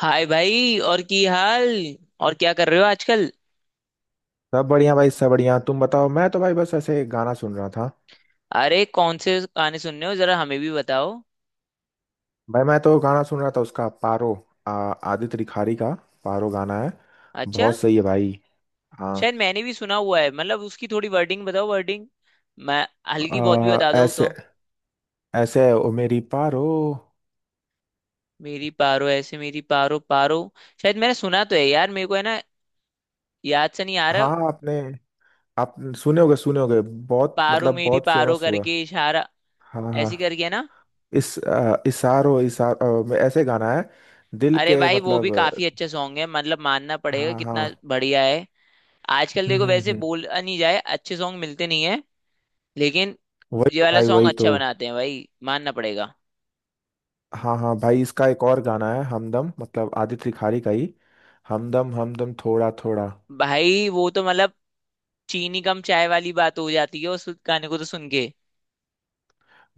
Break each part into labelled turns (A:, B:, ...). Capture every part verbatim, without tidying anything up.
A: हाय भाई और की हाल। और क्या कर रहे हो आजकल?
B: सब बढ़िया भाई, सब बढ़िया। तुम बताओ। मैं तो भाई बस ऐसे गाना सुन रहा था।
A: अरे कौन से गाने सुन रहे हो जरा हमें भी बताओ।
B: भाई मैं तो गाना सुन रहा था उसका पारो। आ, आदित्य रिखारी का पारो गाना है।
A: अच्छा।
B: बहुत सही है भाई। हाँ।
A: शायद मैंने भी सुना हुआ है, मतलब उसकी थोड़ी वर्डिंग बताओ, वर्डिंग मैं हल्की बहुत भी
B: आ,
A: बता दो तो।
B: ऐसे, ऐसे ओ मेरी पारो।
A: मेरी पारो, ऐसे मेरी पारो पारो। शायद मैंने सुना तो है यार मेरे को, है ना। याद से नहीं आ रहा।
B: हाँ हाँ, आपने, आप सुने होगे, सुने होगे। बहुत
A: पारो
B: मतलब
A: मेरी
B: बहुत
A: पारो
B: फेमस हुआ।
A: करके इशारा,
B: हाँ हाँ।
A: ऐसी करके है ना।
B: इस अ, इसारो इसारो ऐसे गाना है। दिल
A: अरे
B: के
A: भाई वो भी
B: मतलब।
A: काफी अच्छा सॉन्ग है, मतलब मानना पड़ेगा
B: हाँ हाँ।
A: कितना बढ़िया है। आजकल
B: हम्म
A: देखो
B: हम्म
A: वैसे
B: हम्म।
A: बोल नहीं जाए, अच्छे सॉन्ग मिलते नहीं है। लेकिन
B: वही
A: ये
B: तो
A: वाला
B: भाई,
A: सॉन्ग
B: वही तो।
A: अच्छा बनाते हैं भाई, मानना पड़ेगा।
B: हाँ हाँ भाई, इसका एक और गाना है हमदम, मतलब आदित्य रिखारी का ही। हमदम हमदम, थोड़ा थोड़ा।
A: भाई वो तो मतलब चीनी कम चाय वाली बात हो जाती है उस गाने को तो सुन के।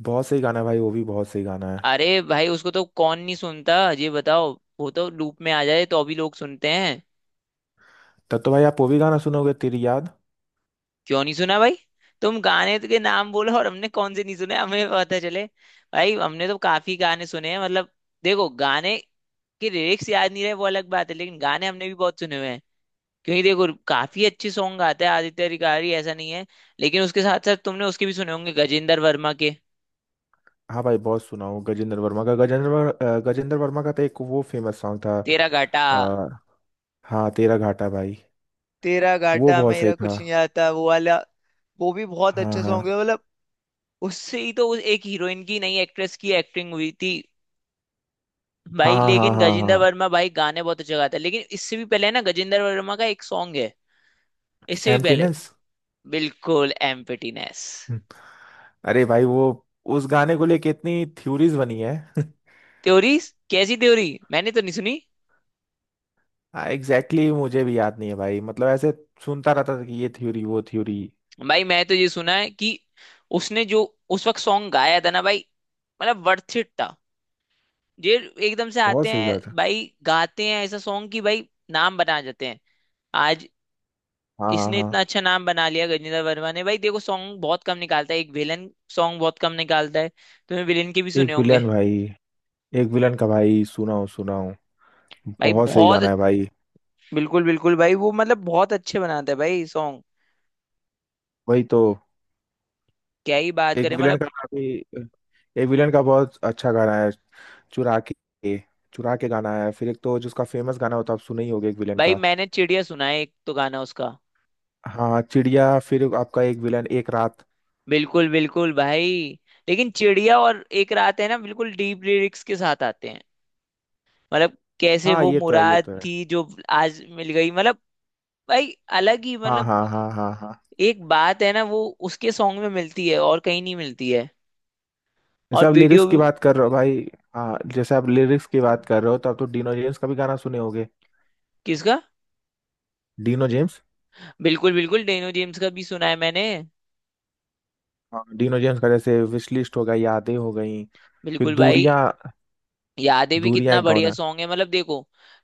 B: बहुत सही गाना है भाई, वो भी बहुत सही गाना है।
A: अरे भाई उसको तो कौन नहीं सुनता, ये बताओ। वो तो लूप में आ जाए तो अभी लोग सुनते हैं,
B: तब तो भाई आप वो भी गाना सुनोगे, तेरी याद।
A: क्यों नहीं सुना भाई। तुम गाने के नाम बोलो और हमने कौन से नहीं सुने, हमें पता चले। भाई हमने तो काफी गाने सुने हैं मतलब। देखो गाने के लिरिक्स याद नहीं रहे वो अलग बात है, लेकिन गाने हमने भी बहुत सुने हुए हैं। क्योंकि देखो काफी अच्छे सॉन्ग गाता है आदित्य अधिकारी, ऐसा नहीं है। लेकिन उसके साथ साथ तुमने उसके भी सुने होंगे गजेंद्र वर्मा के।
B: हाँ भाई बहुत सुना हूँ गजेंद्र वर्मा का। गजेंद्र वर- अ, गजेंद्र वर्मा का तो एक वो फेमस सॉन्ग था।
A: तेरा घाटा।
B: अ, हाँ तेरा घाटा भाई।
A: तेरा
B: वो
A: घाटा
B: बहुत सही
A: मेरा
B: था।
A: कुछ नहीं आता, वो वाला। वो भी बहुत
B: हाँ
A: अच्छे सॉन्ग है
B: हाँ
A: मतलब। उससे ही तो उस एक हीरोइन की, नई एक्ट्रेस की एक्टिंग हुई थी।
B: हाँ
A: भाई
B: हाँ हाँ।
A: लेकिन
B: हाँ
A: गजेंद्र
B: हाँ।
A: वर्मा भाई गाने बहुत अच्छा गाता है, लेकिन इससे भी पहले है ना, गजेंद्र वर्मा का एक सॉन्ग है इससे भी पहले।
B: एम्प्टीनेस।
A: बिल्कुल एम्प्टीनेस।
B: अरे भाई वो, उस गाने को लेके इतनी थ्योरीज बनी है।
A: थ्योरी, कैसी थ्योरी मैंने तो नहीं सुनी।
B: हाँ एग्जैक्टली, exactly मुझे भी याद नहीं है भाई, मतलब ऐसे सुनता रहता था कि ये थ्योरी वो थ्योरी।
A: भाई मैं तो ये सुना है कि उसने जो उस वक्त सॉन्ग गाया था ना भाई, मतलब वर्थ इट था ये। एकदम से आते
B: बहुत सही
A: हैं
B: कहा था।
A: भाई, गाते हैं ऐसा सॉन्ग कि भाई नाम बना जाते हैं। आज
B: हाँ हाँ
A: इसने
B: हाँ।
A: इतना अच्छा नाम बना लिया गजेंद्र वर्मा ने भाई। देखो सॉन्ग बहुत कम निकालता है एक विलन, सॉन्ग बहुत कम निकालता है। तुमने विलन के भी सुने
B: एक
A: होंगे।
B: विलन भाई। एक विलन का भाई, सुनाओ सुनाओ।
A: भाई
B: बहुत सही
A: बहुत
B: गाना है भाई।
A: बिल्कुल बिल्कुल भाई वो, मतलब बहुत अच्छे बनाता है भाई सॉन्ग,
B: वही तो।
A: क्या ही बात
B: एक
A: करें
B: विलन
A: मतलब।
B: का भी, एक विलन का बहुत अच्छा गाना है चुरा के। चुरा के गाना है। फिर एक तो जिसका फेमस गाना होता है, आप सुने ही होगे एक विलन
A: भाई
B: का।
A: मैंने चिड़िया सुना है एक तो गाना उसका।
B: हाँ चिड़िया। फिर आपका एक विलन, एक रात।
A: बिल्कुल बिल्कुल भाई। लेकिन चिड़िया और एक रात है ना, बिल्कुल डीप लिरिक्स के साथ आते हैं। मतलब कैसे
B: हाँ
A: वो
B: ये तो है, ये
A: मुराद
B: तो है।
A: थी जो आज मिल गई, मतलब भाई अलग ही
B: हाँ
A: मतलब,
B: हाँ हाँ हाँ हाँ।
A: एक बात है ना वो उसके सॉन्ग में मिलती है और कहीं नहीं मिलती है।
B: जैसे
A: और
B: आप
A: वीडियो।
B: लिरिक्स की बात कर रहे हो भाई। हाँ जैसे आप लिरिक्स की बात कर रहे हो, तो आप तो डिनो जेम्स का भी गाना सुने होगे।
A: किसका?
B: डिनो जेम्स।
A: बिल्कुल बिल्कुल डेनो जेम्स का भी सुना है मैंने।
B: हाँ डिनो जेम्स का, जैसे विश लिस्ट हो गया, यादें हो गई। फिर
A: बिल्कुल भाई।
B: दूरियां।
A: यादें भी
B: दूरियां
A: कितना
B: एक गाना
A: बढ़िया
B: है।
A: सॉन्ग है मतलब देखो।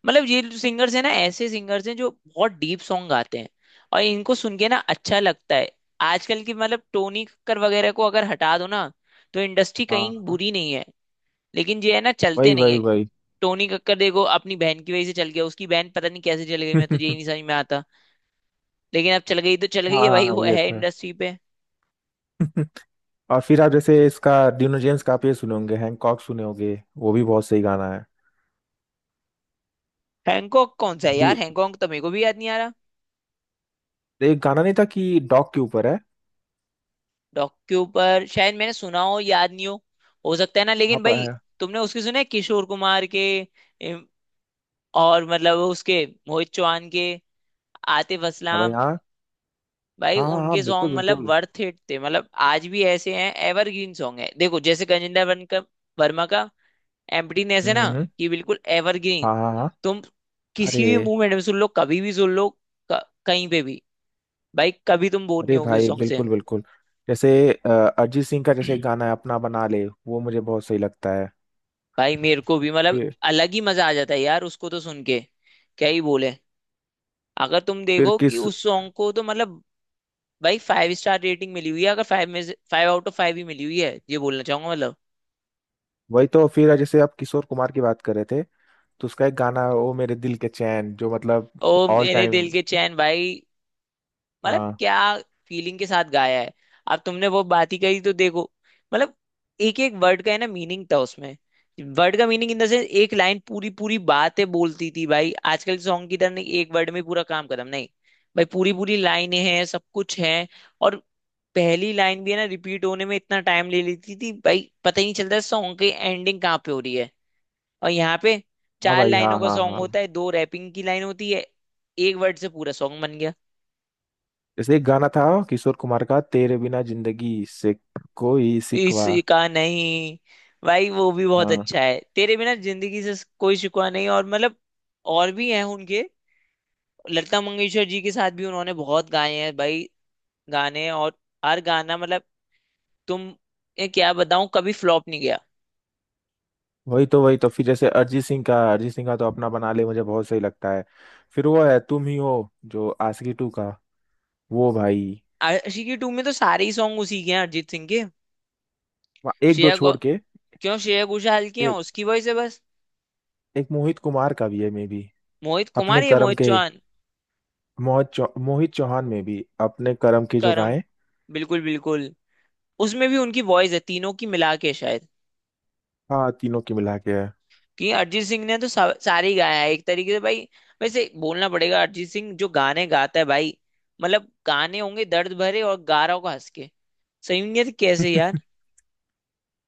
A: मतलब ये सिंगर्स है ना, ऐसे सिंगर्स हैं जो बहुत डीप सॉन्ग गाते हैं। और इनको सुन के ना अच्छा लगता है। आजकल की मतलब टोनी कक्कर वगैरह को अगर हटा दो ना, तो इंडस्ट्री कहीं
B: हाँ हाँ।
A: बुरी नहीं है। लेकिन ये है ना, चलते
B: वही
A: नहीं
B: वही
A: है।
B: वही।
A: टोनी कक्कर देखो अपनी बहन की वजह से चल गया, उसकी बहन पता नहीं कैसे चल गई, मैं तो यही
B: हाँ।
A: नहीं समझ में आता। लेकिन अब चल गई तो चल गई है भाई,
B: हाँ,
A: वो
B: ये
A: है
B: तो है।
A: इंडस्ट्री पे।
B: और फिर आप जैसे इसका, डिनो जेम्स का, आप ये सुने होंगे हैंकॉक, सुने होंगे वो भी बहुत सही गाना है।
A: हैंकॉक कौन सा है
B: दू-
A: यार, हैंकॉक तो मेरे को भी याद नहीं आ रहा।
B: एक गाना नहीं था कि डॉग के ऊपर है।
A: डॉक्यू पर शायद मैंने सुना हो, याद नहीं हो, हो सकता है ना
B: हाँ
A: लेकिन भाई।
B: प-
A: तुमने उसके सुने किशोर कुमार के, इम, और मतलब उसके मोहित चौहान के, आतिफ
B: हाँ भाई,
A: असलाम।
B: हाँ
A: भाई
B: हाँ हाँ।
A: उनके
B: हाँ, बिल्कुल
A: सॉन्ग मतलब
B: बिल्कुल।
A: वर्थ इट थे, मतलब आज भी ऐसे हैं एवरग्रीन सॉन्ग है देखो जैसे गजेंद्र वर्न का वर्मा का एम्प्टीनेस है
B: हम्म
A: ना,
B: हम्म।
A: कि बिल्कुल एवरग्रीन।
B: हाँ हाँ हाँ।
A: तुम
B: अरे,
A: किसी भी मूवमेंट में सुन लो, कभी भी सुन लो, क- कहीं पे भी, भाई कभी तुम बोर नहीं
B: अरे
A: होगे उस
B: भाई
A: सॉन्ग से।
B: बिल्कुल बिल्कुल। जैसे अ, अरिजीत सिंह का, जैसे एक गाना है अपना बना ले, वो मुझे बहुत सही लगता है।
A: भाई मेरे को भी मतलब
B: फिर
A: अलग ही मजा आ जाता है यार उसको तो सुन के, क्या ही बोले। अगर तुम
B: फिर
A: देखो कि
B: किस
A: उस सॉन्ग को तो मतलब भाई फाइव स्टार रेटिंग मिली हुई है, अगर फाइव में से फाइव आउट ऑफ फाइव ही मिली हुई है, ये बोलना चाहूंगा मतलब।
B: वही तो फिर जैसे आप किशोर कुमार की बात कर रहे थे, तो उसका एक गाना है ओ मेरे दिल के चैन, जो मतलब
A: ओ
B: ऑल
A: मेरे
B: टाइम।
A: दिल के चैन भाई, मतलब
B: हाँ।
A: क्या फीलिंग के साथ गाया है। अब तुमने वो बात ही कही तो देखो, मतलब एक एक वर्ड का है ना मीनिंग था उसमें। वर्ड का मीनिंग इन द सेंस, एक लाइन पूरी पूरी बातें बोलती थी भाई, आजकल सॉन्ग की तरह नहीं एक वर्ड में पूरा काम खत्म नहीं। भाई पूरी पूरी लाइनें हैं, सब कुछ है। और पहली लाइन भी है ना रिपीट होने में इतना टाइम ले लेती थी भाई, पता ही नहीं चलता सॉन्ग की एंडिंग कहाँ पे हो रही है। और यहाँ पे
B: हाँ
A: चार
B: भाई
A: लाइनों
B: हाँ
A: का
B: हाँ
A: सॉन्ग
B: हाँ।
A: होता है, दो रैपिंग की लाइन होती है, एक वर्ड से पूरा सॉन्ग बन गया।
B: जैसे एक गाना था किशोर कुमार का, तेरे बिना जिंदगी से, कोई सिकवा।
A: इसका नहीं, भाई वो भी बहुत
B: हाँ।
A: अच्छा है तेरे बिना जिंदगी से कोई शिकवा नहीं, और मतलब और भी हैं उनके। लता मंगेशकर जी के साथ भी उन्होंने बहुत गाए हैं भाई गाने, और हर गाना मतलब, तुम ये क्या बताऊं, कभी फ्लॉप नहीं गया।
B: वही तो, वही तो फिर जैसे अरिजीत सिंह का अरिजीत सिंह का तो अपना बना ले मुझे बहुत सही लगता है। फिर वो है तुम ही हो, जो आशिकी टू का। वो भाई,
A: आशिकी टू में तो सारे ही सॉन्ग उसी के हैं अरिजीत सिंह के।
B: वहाँ एक दो
A: श्रेया घो-
B: छोड़ के।
A: क्यों, श्रेया घोषाल की हैं,
B: एक
A: उसकी वॉइस है बस।
B: एक मोहित कुमार का भी है, मे भी,
A: मोहित कुमार
B: अपने
A: या
B: कर्म
A: मोहित
B: के।
A: चौहान?
B: मोहित चौ, मोहित चौहान में भी अपने कर्म की जो
A: करम,
B: गाएं।
A: बिल्कुल बिल्कुल। उसमें भी उनकी वॉइस है तीनों की मिला के शायद,
B: हाँ तीनों की मिला के है।
A: कि अरिजीत सिंह ने तो सा, सारे ही गाया है एक तरीके से भाई। वैसे बोलना पड़ेगा अरिजीत सिंह जो गाने गाता है भाई, मतलब गाने होंगे दर्द भरे और गा रहा होगा हंस के, सही नहीं है कैसे यार।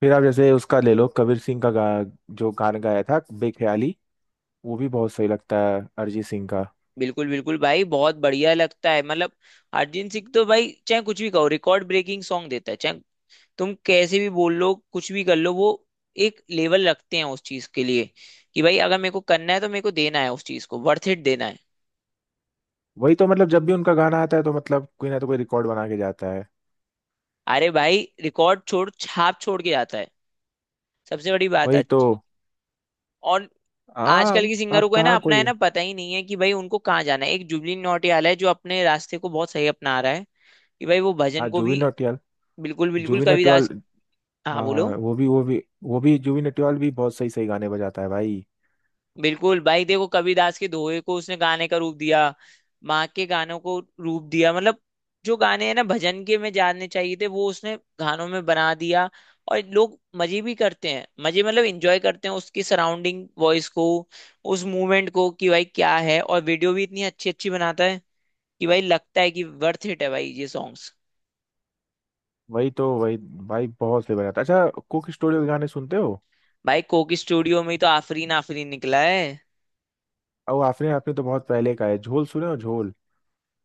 B: फिर आप जैसे उसका ले लो कबीर सिंह का गा, जो गाना गाया था बेख्याली, वो भी बहुत सही लगता है अरिजीत सिंह का।
A: बिल्कुल बिल्कुल भाई बहुत बढ़िया लगता है मतलब। अरिजीत सिंह तो भाई चाहे कुछ भी कहो रिकॉर्ड ब्रेकिंग सॉन्ग देता है, चाहे तुम कैसे भी बोल लो, कुछ भी कर लो, वो एक लेवल रखते हैं उस चीज के लिए, कि भाई अगर मेरे को करना है तो मेरे को देना है, उस चीज को वर्थ इट देना है।
B: वही तो मतलब, जब भी उनका गाना आता है तो मतलब कोई ना तो कोई रिकॉर्ड बना के जाता है।
A: अरे भाई रिकॉर्ड छोड़ छाप छोड़ के जाता है, सबसे बड़ी बात है।
B: वही तो।
A: और आजकल
B: हाँ,
A: की सिंगरों
B: आप
A: को है ना,
B: कहाँ
A: अपना है
B: कोई।
A: ना पता ही नहीं है कि भाई उनको कहाँ जाना है। एक जुबली नौटियाल है जो अपने रास्ते को बहुत सही अपना रहा है, कि भाई वो
B: हाँ
A: भजन को
B: जुबिन
A: भी,
B: नौटियाल।
A: बिल्कुल बिल्कुल
B: जुबिन नौटियाल।
A: कबीरदास। हाँ बोलो।
B: हाँ। वो भी वो भी वो भी जुबिन नौटियाल भी बहुत सही सही गाने बजाता है भाई।
A: बिल्कुल भाई, देखो कबीरदास के दोहे को उसने गाने का रूप दिया, माँ के गानों को रूप दिया मतलब, जो गाने हैं ना भजन के में जानने चाहिए थे वो उसने गानों में बना दिया। और लोग मजे भी करते हैं, मजे मतलब इंजॉय करते हैं उसकी सराउंडिंग वॉइस को, उस मूवमेंट को, कि भाई क्या है। और वीडियो भी इतनी अच्छी अच्छी बनाता है कि भाई लगता है कि वर्थ इट है भाई ये सॉन्ग्स।
B: वही तो, वही। भाई बहुत फेवरेट आता है। अच्छा कुक स्टूडियो के गाने सुनते हो?
A: भाई कोक स्टूडियो में ही तो आफरीन आफरीन निकला है।
B: और आपने आपने तो बहुत पहले का है, झोल सुने हो, झोल?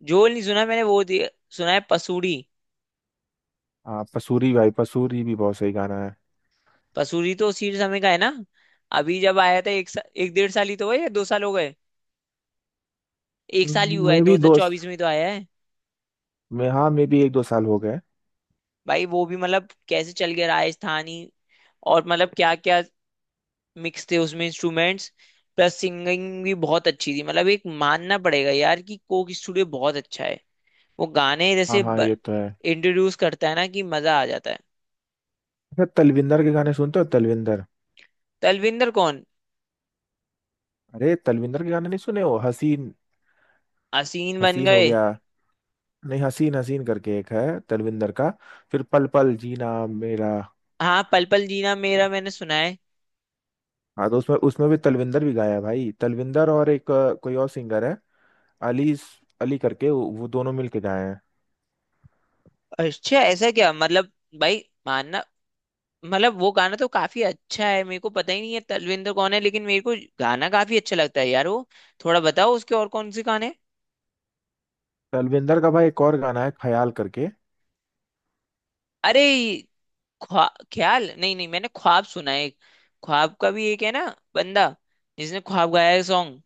A: झोल नहीं सुना मैंने वो दे- सुना है पसूरी।
B: हाँ पसूरी भाई, पसूरी भी बहुत सही गाना है।
A: पसूरी तो उसी समय का है ना, अभी जब आया था, एक सा, एक डेढ़ साल ही तो हुआ या दो साल हो गए, एक साल ही हुआ है,
B: मे
A: दो
B: भी
A: हजार
B: दोस्त।
A: चौबीस में ही तो आया है।
B: मैं, हाँ मे भी एक दो साल हो गए।
A: भाई वो भी मतलब कैसे चल गया राजस्थानी, और मतलब क्या क्या मिक्स थे उसमें इंस्ट्रूमेंट्स, प्लस सिंगिंग भी बहुत अच्छी थी, मतलब एक मानना पड़ेगा यार कि कोक स्टूडियो बहुत अच्छा है। वो गाने
B: हाँ
A: जैसे
B: हाँ ये तो है।
A: इंट्रोड्यूस करता है ना कि मजा आ जाता है।
B: अच्छा तलविंदर के गाने सुनते हो, तलविंदर?
A: तलविंदर कौन?
B: अरे तलविंदर के गाने नहीं सुने हो, हसीन?
A: असीन बन
B: हसीन हो
A: गए।
B: गया। नहीं, हसीन हसीन करके एक है तलविंदर का। फिर पल पल जीना मेरा।
A: हाँ पल पल जीना मेरा मैंने सुना है।
B: हाँ तो उसमें उसमें भी तलविंदर भी गाया है भाई, तलविंदर और एक अ, कोई और सिंगर है, अली। अली करके, वो वो दोनों मिलके गाए हैं।
A: अच्छा ऐसा क्या मतलब, भाई मानना, मतलब वो गाना तो काफी अच्छा है, मेरे को पता ही नहीं है तलविंदर कौन है, लेकिन मेरे को गाना काफी अच्छा लगता है यार वो। थोड़ा बताओ उसके और कौन से गाने।
B: तलविंदर का भाई एक और गाना है ख्याल करके।
A: अरे ख्वा ख्याल नहीं नहीं, मैंने ख्वाब सुना है एक, ख्वाब का भी एक है ना बंदा जिसने ख्वाब गाया है सॉन्ग।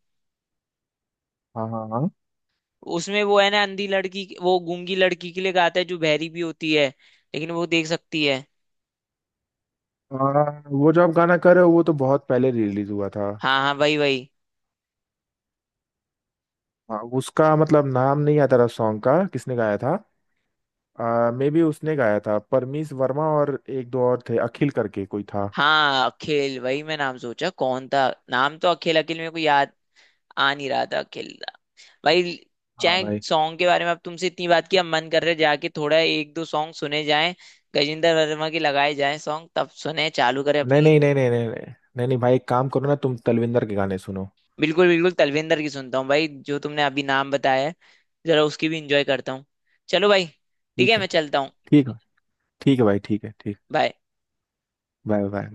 B: हाँ हाँ हाँ।
A: उसमें वो है ना अंधी लड़की, वो गूंगी लड़की के लिए गाता है जो बहरी भी होती है लेकिन वो देख सकती है।
B: आ, वो जो आप गाना कर रहे हो, वो तो बहुत पहले रिलीज हुआ था।
A: हाँ हाँ वही वही।
B: हाँ उसका मतलब नाम नहीं आता रहा सॉन्ग का, किसने गाया था। आ, मे बी उसने गाया था परमीश वर्मा, और एक दो और थे अखिल करके कोई था।
A: हाँ अखिल, वही मैं नाम सोचा कौन था, नाम तो अखिल, अखिल मेरे को याद आ नहीं रहा था, अखिल था भाई।
B: हाँ
A: चाहे
B: भाई।
A: सॉन्ग के बारे में, अब तुमसे इतनी बात की अब मन कर रहा है जाके थोड़ा एक दो सॉन्ग सुने जाएं। गजेंद्र वर्मा के लगाए जाएं सॉन्ग, तब सुने चालू करें
B: नहीं
A: अपनी।
B: नहीं नहीं नहीं नहीं नहीं। नहीं नहीं भाई, एक काम करो ना, तुम तलविंदर के गाने सुनो।
A: बिल्कुल बिल्कुल तलविंदर की सुनता हूँ भाई जो तुमने अभी नाम बताया है, जरा उसकी भी इंजॉय करता हूँ। चलो भाई, ठीक है
B: ठीक है।
A: मैं चलता हूँ।
B: ठीक है। ठीक है भाई, ठीक है, ठीक।
A: बाय।
B: Bye bye bye.